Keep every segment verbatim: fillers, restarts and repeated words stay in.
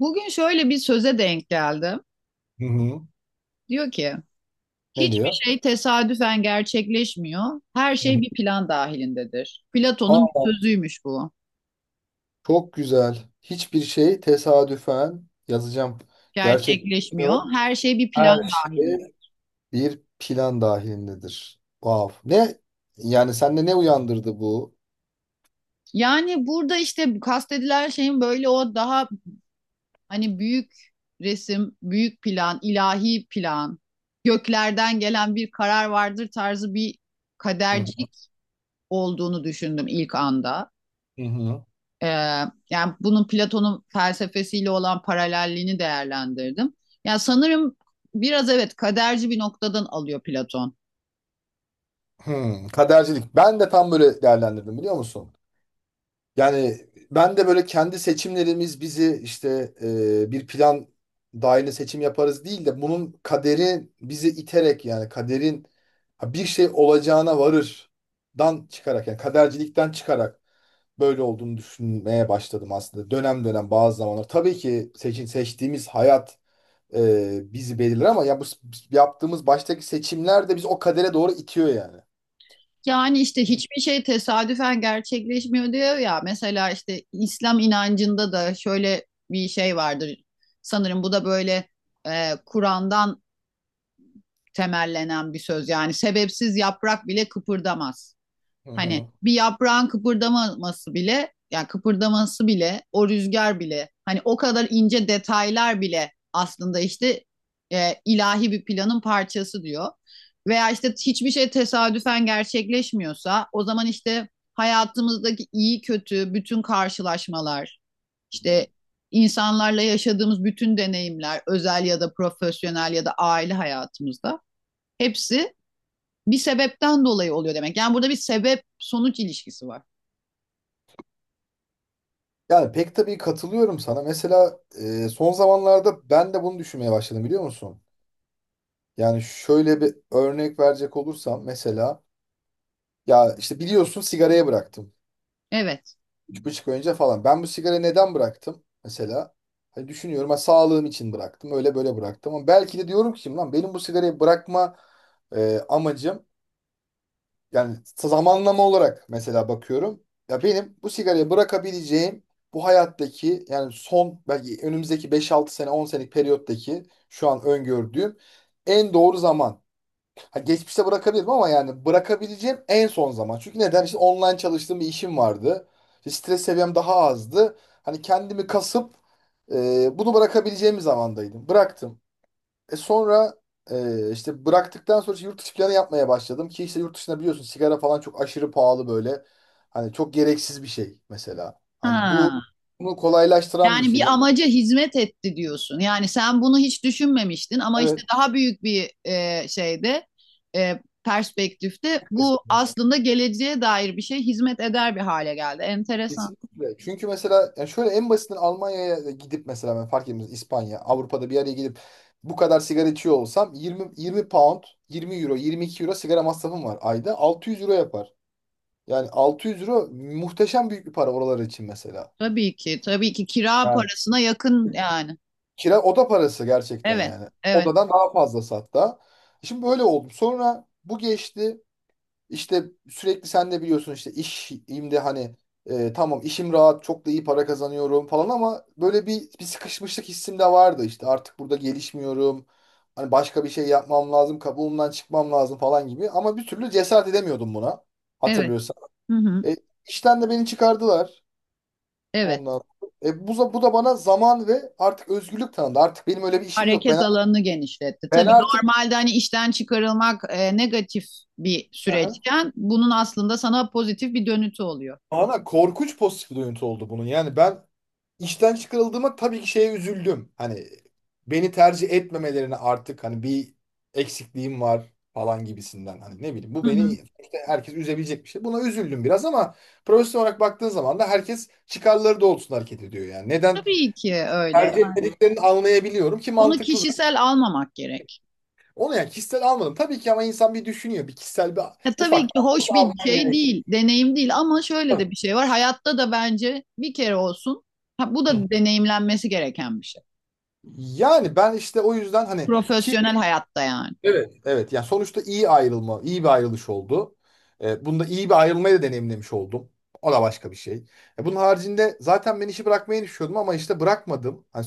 Bugün şöyle bir söze denk geldim. Hı hı. Diyor ki, Ne hiçbir diyor? şey tesadüfen gerçekleşmiyor. Her Hı hı. şey bir plan dahilindedir. Platon'un bir Aa, sözüymüş bu. çok güzel. Hiçbir şey tesadüfen yazacağım. Gerçek, Gerçekleşmiyor. Her şey bir plan her dahilinde. şey bir plan dahilindedir. Wow. Ne? Yani sende ne uyandırdı bu? Yani burada işte bu kastedilen şeyin böyle o daha hani büyük resim, büyük plan, ilahi plan, göklerden gelen bir karar vardır tarzı bir Hı kadercilik olduğunu düşündüm ilk anda. hı. Ee, yani bunun Platon'un felsefesiyle olan paralelliğini değerlendirdim. Yani sanırım biraz evet kaderci bir noktadan alıyor Platon. Hı. Kadercilik. Ben de tam böyle değerlendirdim, biliyor musun? Yani ben de böyle kendi seçimlerimiz bizi işte e, bir plan dahilinde seçim yaparız değil de bunun kaderi bizi iterek, yani kaderin ha, bir şey olacağına varırdan çıkarak, yani kadercilikten çıkarak böyle olduğunu düşünmeye başladım aslında. Dönem dönem, bazı zamanlar. Tabii ki seçin, seçtiğimiz hayat e, bizi belirler, ama ya bu s- yaptığımız baştaki seçimler de bizi o kadere doğru itiyor yani. Yani işte Bir, hiçbir şey tesadüfen gerçekleşmiyor diyor ya. Mesela işte İslam inancında da şöyle bir şey vardır. Sanırım bu da böyle e, Kur'an'dan temellenen bir söz. Yani sebepsiz yaprak bile kıpırdamaz. Hı Hani hı. bir yaprağın kıpırdaması bile, yani kıpırdaması bile, o rüzgar bile, hani o kadar ince detaylar bile aslında işte e, ilahi bir planın parçası diyor. Veya işte hiçbir şey tesadüfen gerçekleşmiyorsa, o zaman işte hayatımızdaki iyi kötü bütün karşılaşmalar, işte insanlarla yaşadığımız bütün deneyimler, özel ya da profesyonel ya da aile hayatımızda hepsi bir sebepten dolayı oluyor demek. Yani burada bir sebep sonuç ilişkisi var. Yani pek tabii katılıyorum sana. Mesela e, son zamanlarda ben de bunu düşünmeye başladım, biliyor musun? Yani şöyle bir örnek verecek olursam, mesela ya işte biliyorsun, sigarayı bıraktım. Evet. Üç buçuk ay önce falan. Ben bu sigarayı neden bıraktım mesela? Hani düşünüyorum ha, sağlığım için bıraktım. Öyle böyle bıraktım. Ama belki de diyorum ki lan, benim bu sigarayı bırakma e, amacım, yani zamanlama olarak mesela bakıyorum. Ya benim bu sigarayı bırakabileceğim bu hayattaki, yani son belki önümüzdeki beş altı sene, on senelik periyottaki şu an öngördüğüm en doğru zaman. Ha, geçmişte bırakabilirim ama yani bırakabileceğim en son zaman. Çünkü neden? İşte online çalıştığım bir işim vardı. İşte stres seviyem daha azdı. Hani kendimi kasıp e, bunu bırakabileceğim bir zamandaydım. Bıraktım. E sonra e, işte bıraktıktan sonra işte yurt dışı planı yapmaya başladım ki işte yurt dışında biliyorsun sigara falan çok aşırı pahalı böyle. Hani çok gereksiz bir şey mesela. Hani Ha. bu bunu kolaylaştıran bir Yani şey. bir Yani. amaca hizmet etti diyorsun. Yani sen bunu hiç düşünmemiştin ama işte Evet. daha büyük bir e, şeyde, e, perspektifte bu Kesinlikle. aslında geleceğe dair bir şey hizmet eder bir hale geldi. Enteresan. Kesinlikle. Çünkü mesela yani şöyle en basitinden Almanya'ya gidip, mesela ben fark etmez İspanya, Avrupa'da bir yere gidip bu kadar sigara içiyor olsam yirmi yirmi pound, yirmi euro, yirmi iki euro sigara masrafım var ayda. altı yüz euro yapar. Yani altı yüz euro muhteşem büyük bir para oralar için mesela. Tabii ki, tabii ki kira parasına yakın yani. Kira oda parası gerçekten Evet, yani. evet, Odadan daha fazlası hatta. Şimdi böyle oldu. Sonra bu geçti. İşte sürekli sen de biliyorsun işte işimde hani e, tamam, işim rahat, çok da iyi para kazanıyorum falan, ama böyle bir, bir sıkışmışlık hissim de vardı işte, artık burada gelişmiyorum. Hani başka bir şey yapmam lazım, kabuğumdan çıkmam lazım falan gibi, ama bir türlü cesaret edemiyordum buna, evet. hatırlıyorsan. Hı hı, E, işten de beni çıkardılar evet. ondan. E, bu, bu da bana zaman ve artık özgürlük tanıdı. Artık benim öyle bir işim yok. Hareket Ben alanını genişletti. ben Tabii artık. normalde hani işten çıkarılmak e, negatif bir Aha. süreçken bunun aslında sana pozitif bir dönütü oluyor. Ana korkunç pozitif duyuntu oldu bunun. Yani ben işten çıkarıldığıma tabii ki şeye üzüldüm. Hani beni tercih etmemelerine, artık hani bir eksikliğim var falan gibisinden. Hani ne bileyim, bu Hı beni hı. işte herkes üzebilecek bir şey. Buna üzüldüm biraz, ama profesyonel olarak baktığın zaman da herkes çıkarları doğrultusunda hareket ediyor yani. Neden Tabii ki öyle. tercih ya, Yani etmediklerini anlayabiliyorum ki, Bunu mantıklı zaten. kişisel almamak gerek. Onu yani kişisel almadım. Tabii ki, ama insan bir düşünüyor. Bir kişisel, bir Ya tabii ufak. ki hoş bir şey değil, deneyim değil ama şöyle de bir şey var. Hayatta da bence bir kere olsun. Ha, bu Hı hı. da deneyimlenmesi gereken bir şey. Yani ben işte o yüzden hani ki. Profesyonel hayatta yani. Evet, yani sonuçta iyi ayrılma, iyi bir ayrılış oldu. E, bunda iyi bir ayrılmayı da deneyimlemiş oldum. O da başka bir şey. E, bunun haricinde zaten ben işi bırakmayı düşünüyordum, ama işte bırakmadım. Hani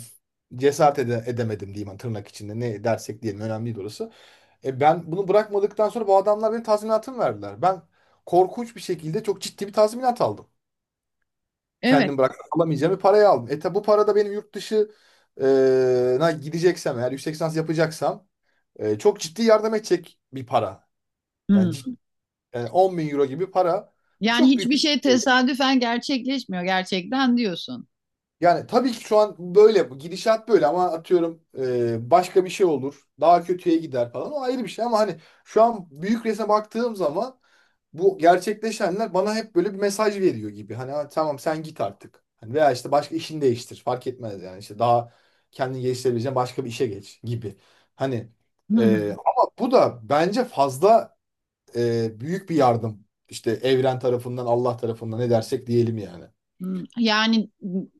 cesaret ede- edemedim diyeyim, hani tırnak içinde, ne dersek diyelim, önemli değil orası. E, ben bunu bırakmadıktan sonra bu adamlar benim tazminatımı verdiler. Ben korkunç bir şekilde çok ciddi bir tazminat aldım. Evet. Kendim bırakıp alamayacağım bir parayı aldım. E tabi bu para da benim yurt dışı e, na gideceksem, eğer yüksek lisans yapacaksam e, çok ciddi yardım edecek bir para. Yani, Hı. cid- yani on bin euro gibi para. Bu Yani çok büyük hiçbir şey bir şey. tesadüfen gerçekleşmiyor gerçekten diyorsun. Yani tabii ki şu an böyle, bu gidişat böyle, ama atıyorum e, başka bir şey olur. Daha kötüye gider falan. O ayrı bir şey, ama hani şu an büyük resme baktığım zaman bu gerçekleşenler bana hep böyle bir mesaj veriyor gibi. Hani, "Ha, tamam, sen git artık. Hani veya işte başka, işini değiştir. Fark etmez, yani işte daha kendini geliştirebileceğin başka bir işe geç" gibi. Hani Hı e, hı. ama bu da bence fazla e, büyük bir yardım. İşte evren tarafından, Allah tarafından, ne dersek diyelim yani. Hmm, Yani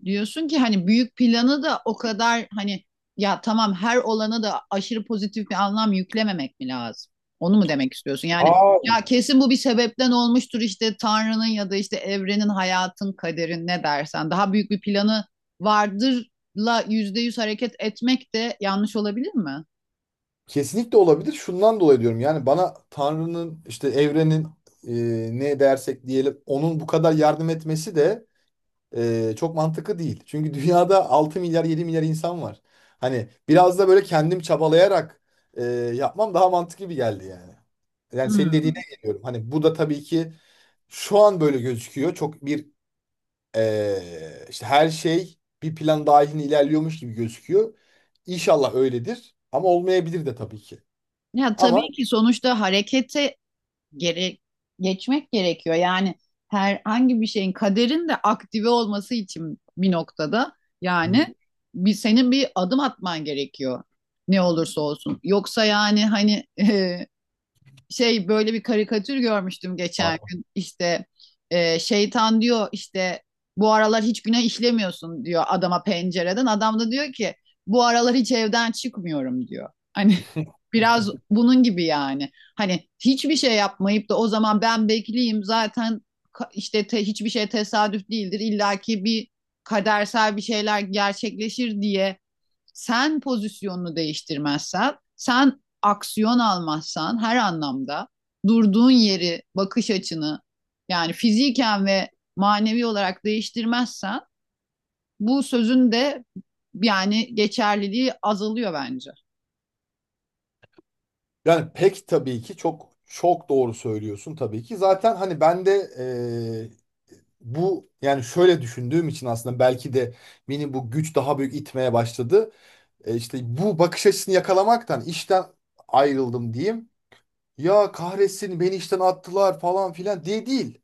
diyorsun ki hani büyük planı da o kadar hani ya tamam her olana da aşırı pozitif bir anlam yüklememek mi lazım? Onu mu demek istiyorsun? Yani Aa, ya kesin bu bir sebepten olmuştur işte Tanrı'nın ya da işte evrenin, hayatın, kaderin ne dersen. Daha büyük bir planı vardırla yüzde yüz hareket etmek de yanlış olabilir mi? kesinlikle olabilir. Şundan dolayı diyorum. Yani bana Tanrı'nın, işte evrenin, e, ne dersek diyelim onun bu kadar yardım etmesi de e, çok mantıklı değil. Çünkü dünyada altı milyar, yedi milyar insan var. Hani biraz da böyle kendim çabalayarak e, yapmam daha mantıklı gibi geldi yani. Yani senin dediğine Hmm. geliyorum. Hani bu da tabii ki. Şu an böyle gözüküyor. Çok bir eee, işte her şey bir plan dahilinde ilerliyormuş gibi gözüküyor. İnşallah öyledir. Ama olmayabilir de tabii ki. Ya Ama. tabii ki sonuçta harekete gere geçmek gerekiyor. Yani herhangi bir şeyin kaderin de aktive olması için bir noktada Hı. yani bir senin bir adım atman gerekiyor ne olursa olsun. Yoksa yani hani şey böyle bir karikatür görmüştüm geçen Pardon. gün. İşte e, şeytan diyor işte bu aralar hiç günah işlemiyorsun diyor adama pencereden. Adam da diyor ki bu aralar hiç evden çıkmıyorum diyor. Hani biraz bunun gibi yani. Hani hiçbir şey yapmayıp da o zaman ben bekleyeyim zaten ka- işte te- hiçbir şey tesadüf değildir. İllaki bir kadersel bir şeyler gerçekleşir diye sen pozisyonunu değiştirmezsen, sen aksiyon almazsan her anlamda durduğun yeri, bakış açını yani fiziken ve manevi olarak değiştirmezsen bu sözün de yani geçerliliği azalıyor bence. Yani pek tabii ki, çok çok doğru söylüyorsun tabii ki. Zaten hani ben de eee, bu yani şöyle düşündüğüm için aslında belki de beni bu güç daha büyük itmeye başladı. E, işte bu bakış açısını yakalamaktan işten ayrıldım diyeyim. Ya kahretsin, beni işten attılar falan filan diye değil.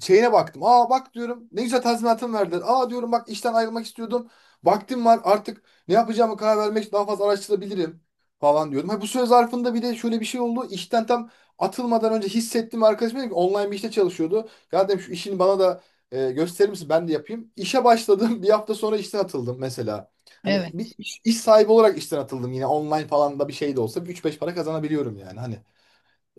Şeyine baktım. Aa, bak diyorum, ne güzel tazminatım verdiler. Aa, diyorum, bak, işten ayrılmak istiyordum. Vaktim var artık, ne yapacağımı karar vermek için daha fazla araştırabilirim falan diyordum. Ha, bu süre zarfında bir de şöyle bir şey oldu. İşten tam atılmadan önce hissettim, arkadaşım dedi ki online bir işte çalışıyordu. Ya dedim, şu işini bana da e, gösterir misin, ben de yapayım. İşe başladım, bir hafta sonra işten atıldım mesela. Hani Evet. bir iş, iş sahibi olarak işten atıldım, yine online falan da bir şey de olsa üç beş para kazanabiliyorum yani. Hani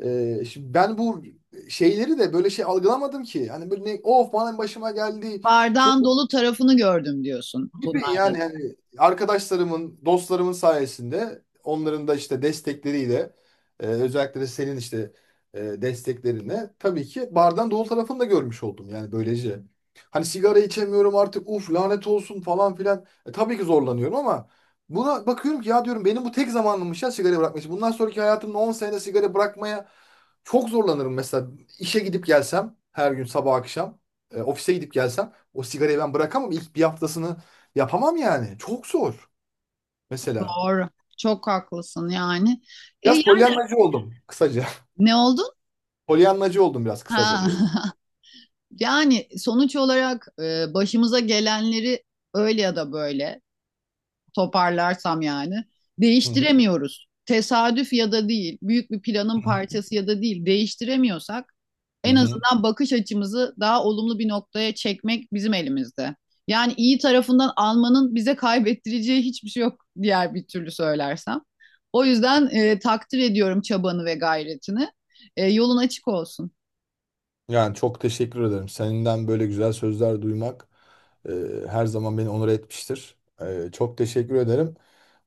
ee, şimdi ben bu şeyleri de böyle şey algılamadım ki. Hani böyle ne, of, bana başıma geldi. Bardağın dolu tarafını gördüm diyorsun Gibi bunlardan. yani, hani arkadaşlarımın, dostlarımın sayesinde, onların da işte destekleriyle, e, özellikle de senin işte e, desteklerinle tabii ki bardan dolu tarafını da görmüş oldum yani, böylece. Hani sigara içemiyorum artık, uf, lanet olsun falan filan. E, tabii ki zorlanıyorum, ama buna bakıyorum ki ya, diyorum, benim bu tek zamanımmış ya sigara bırakmış. Bundan sonraki hayatımda on senede sigara bırakmaya çok zorlanırım mesela. İşe gidip gelsem her gün sabah akşam, e, ofise gidip gelsem, o sigarayı ben bırakamam. İlk bir haftasını yapamam yani. Çok zor. Mesela. Doğru. Çok haklısın yani. E Biraz yani polyanlacı oldum kısaca. ne oldun? Polyanlacı oldum biraz Ha. kısaca diyor. Yani sonuç olarak e, başımıza gelenleri öyle ya da böyle toparlarsam yani. Hı hı. Değiştiremiyoruz. Tesadüf ya da değil, büyük bir planın parçası ya da değil değiştiremiyorsak Hı en hı. azından bakış açımızı daha olumlu bir noktaya çekmek bizim elimizde. Yani iyi tarafından almanın bize kaybettireceği hiçbir şey yok diğer bir türlü söylersem. O yüzden e, takdir ediyorum çabanı ve gayretini. E, yolun açık olsun. Yani çok teşekkür ederim. Senden böyle güzel sözler duymak e, her zaman beni onur etmiştir. E, çok teşekkür ederim.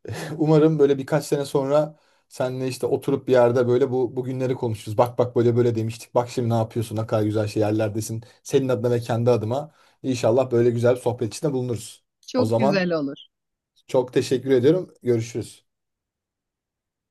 Umarım böyle birkaç sene sonra seninle işte oturup bir yerde böyle bu bugünleri konuşuruz. Bak bak, böyle böyle demiştik. Bak, şimdi ne yapıyorsun? Ne kadar güzel şey yerlerdesin. Senin adına ve kendi adıma. İnşallah böyle güzel bir sohbet içinde bulunuruz. O Çok zaman güzel olur. çok teşekkür ediyorum. Görüşürüz.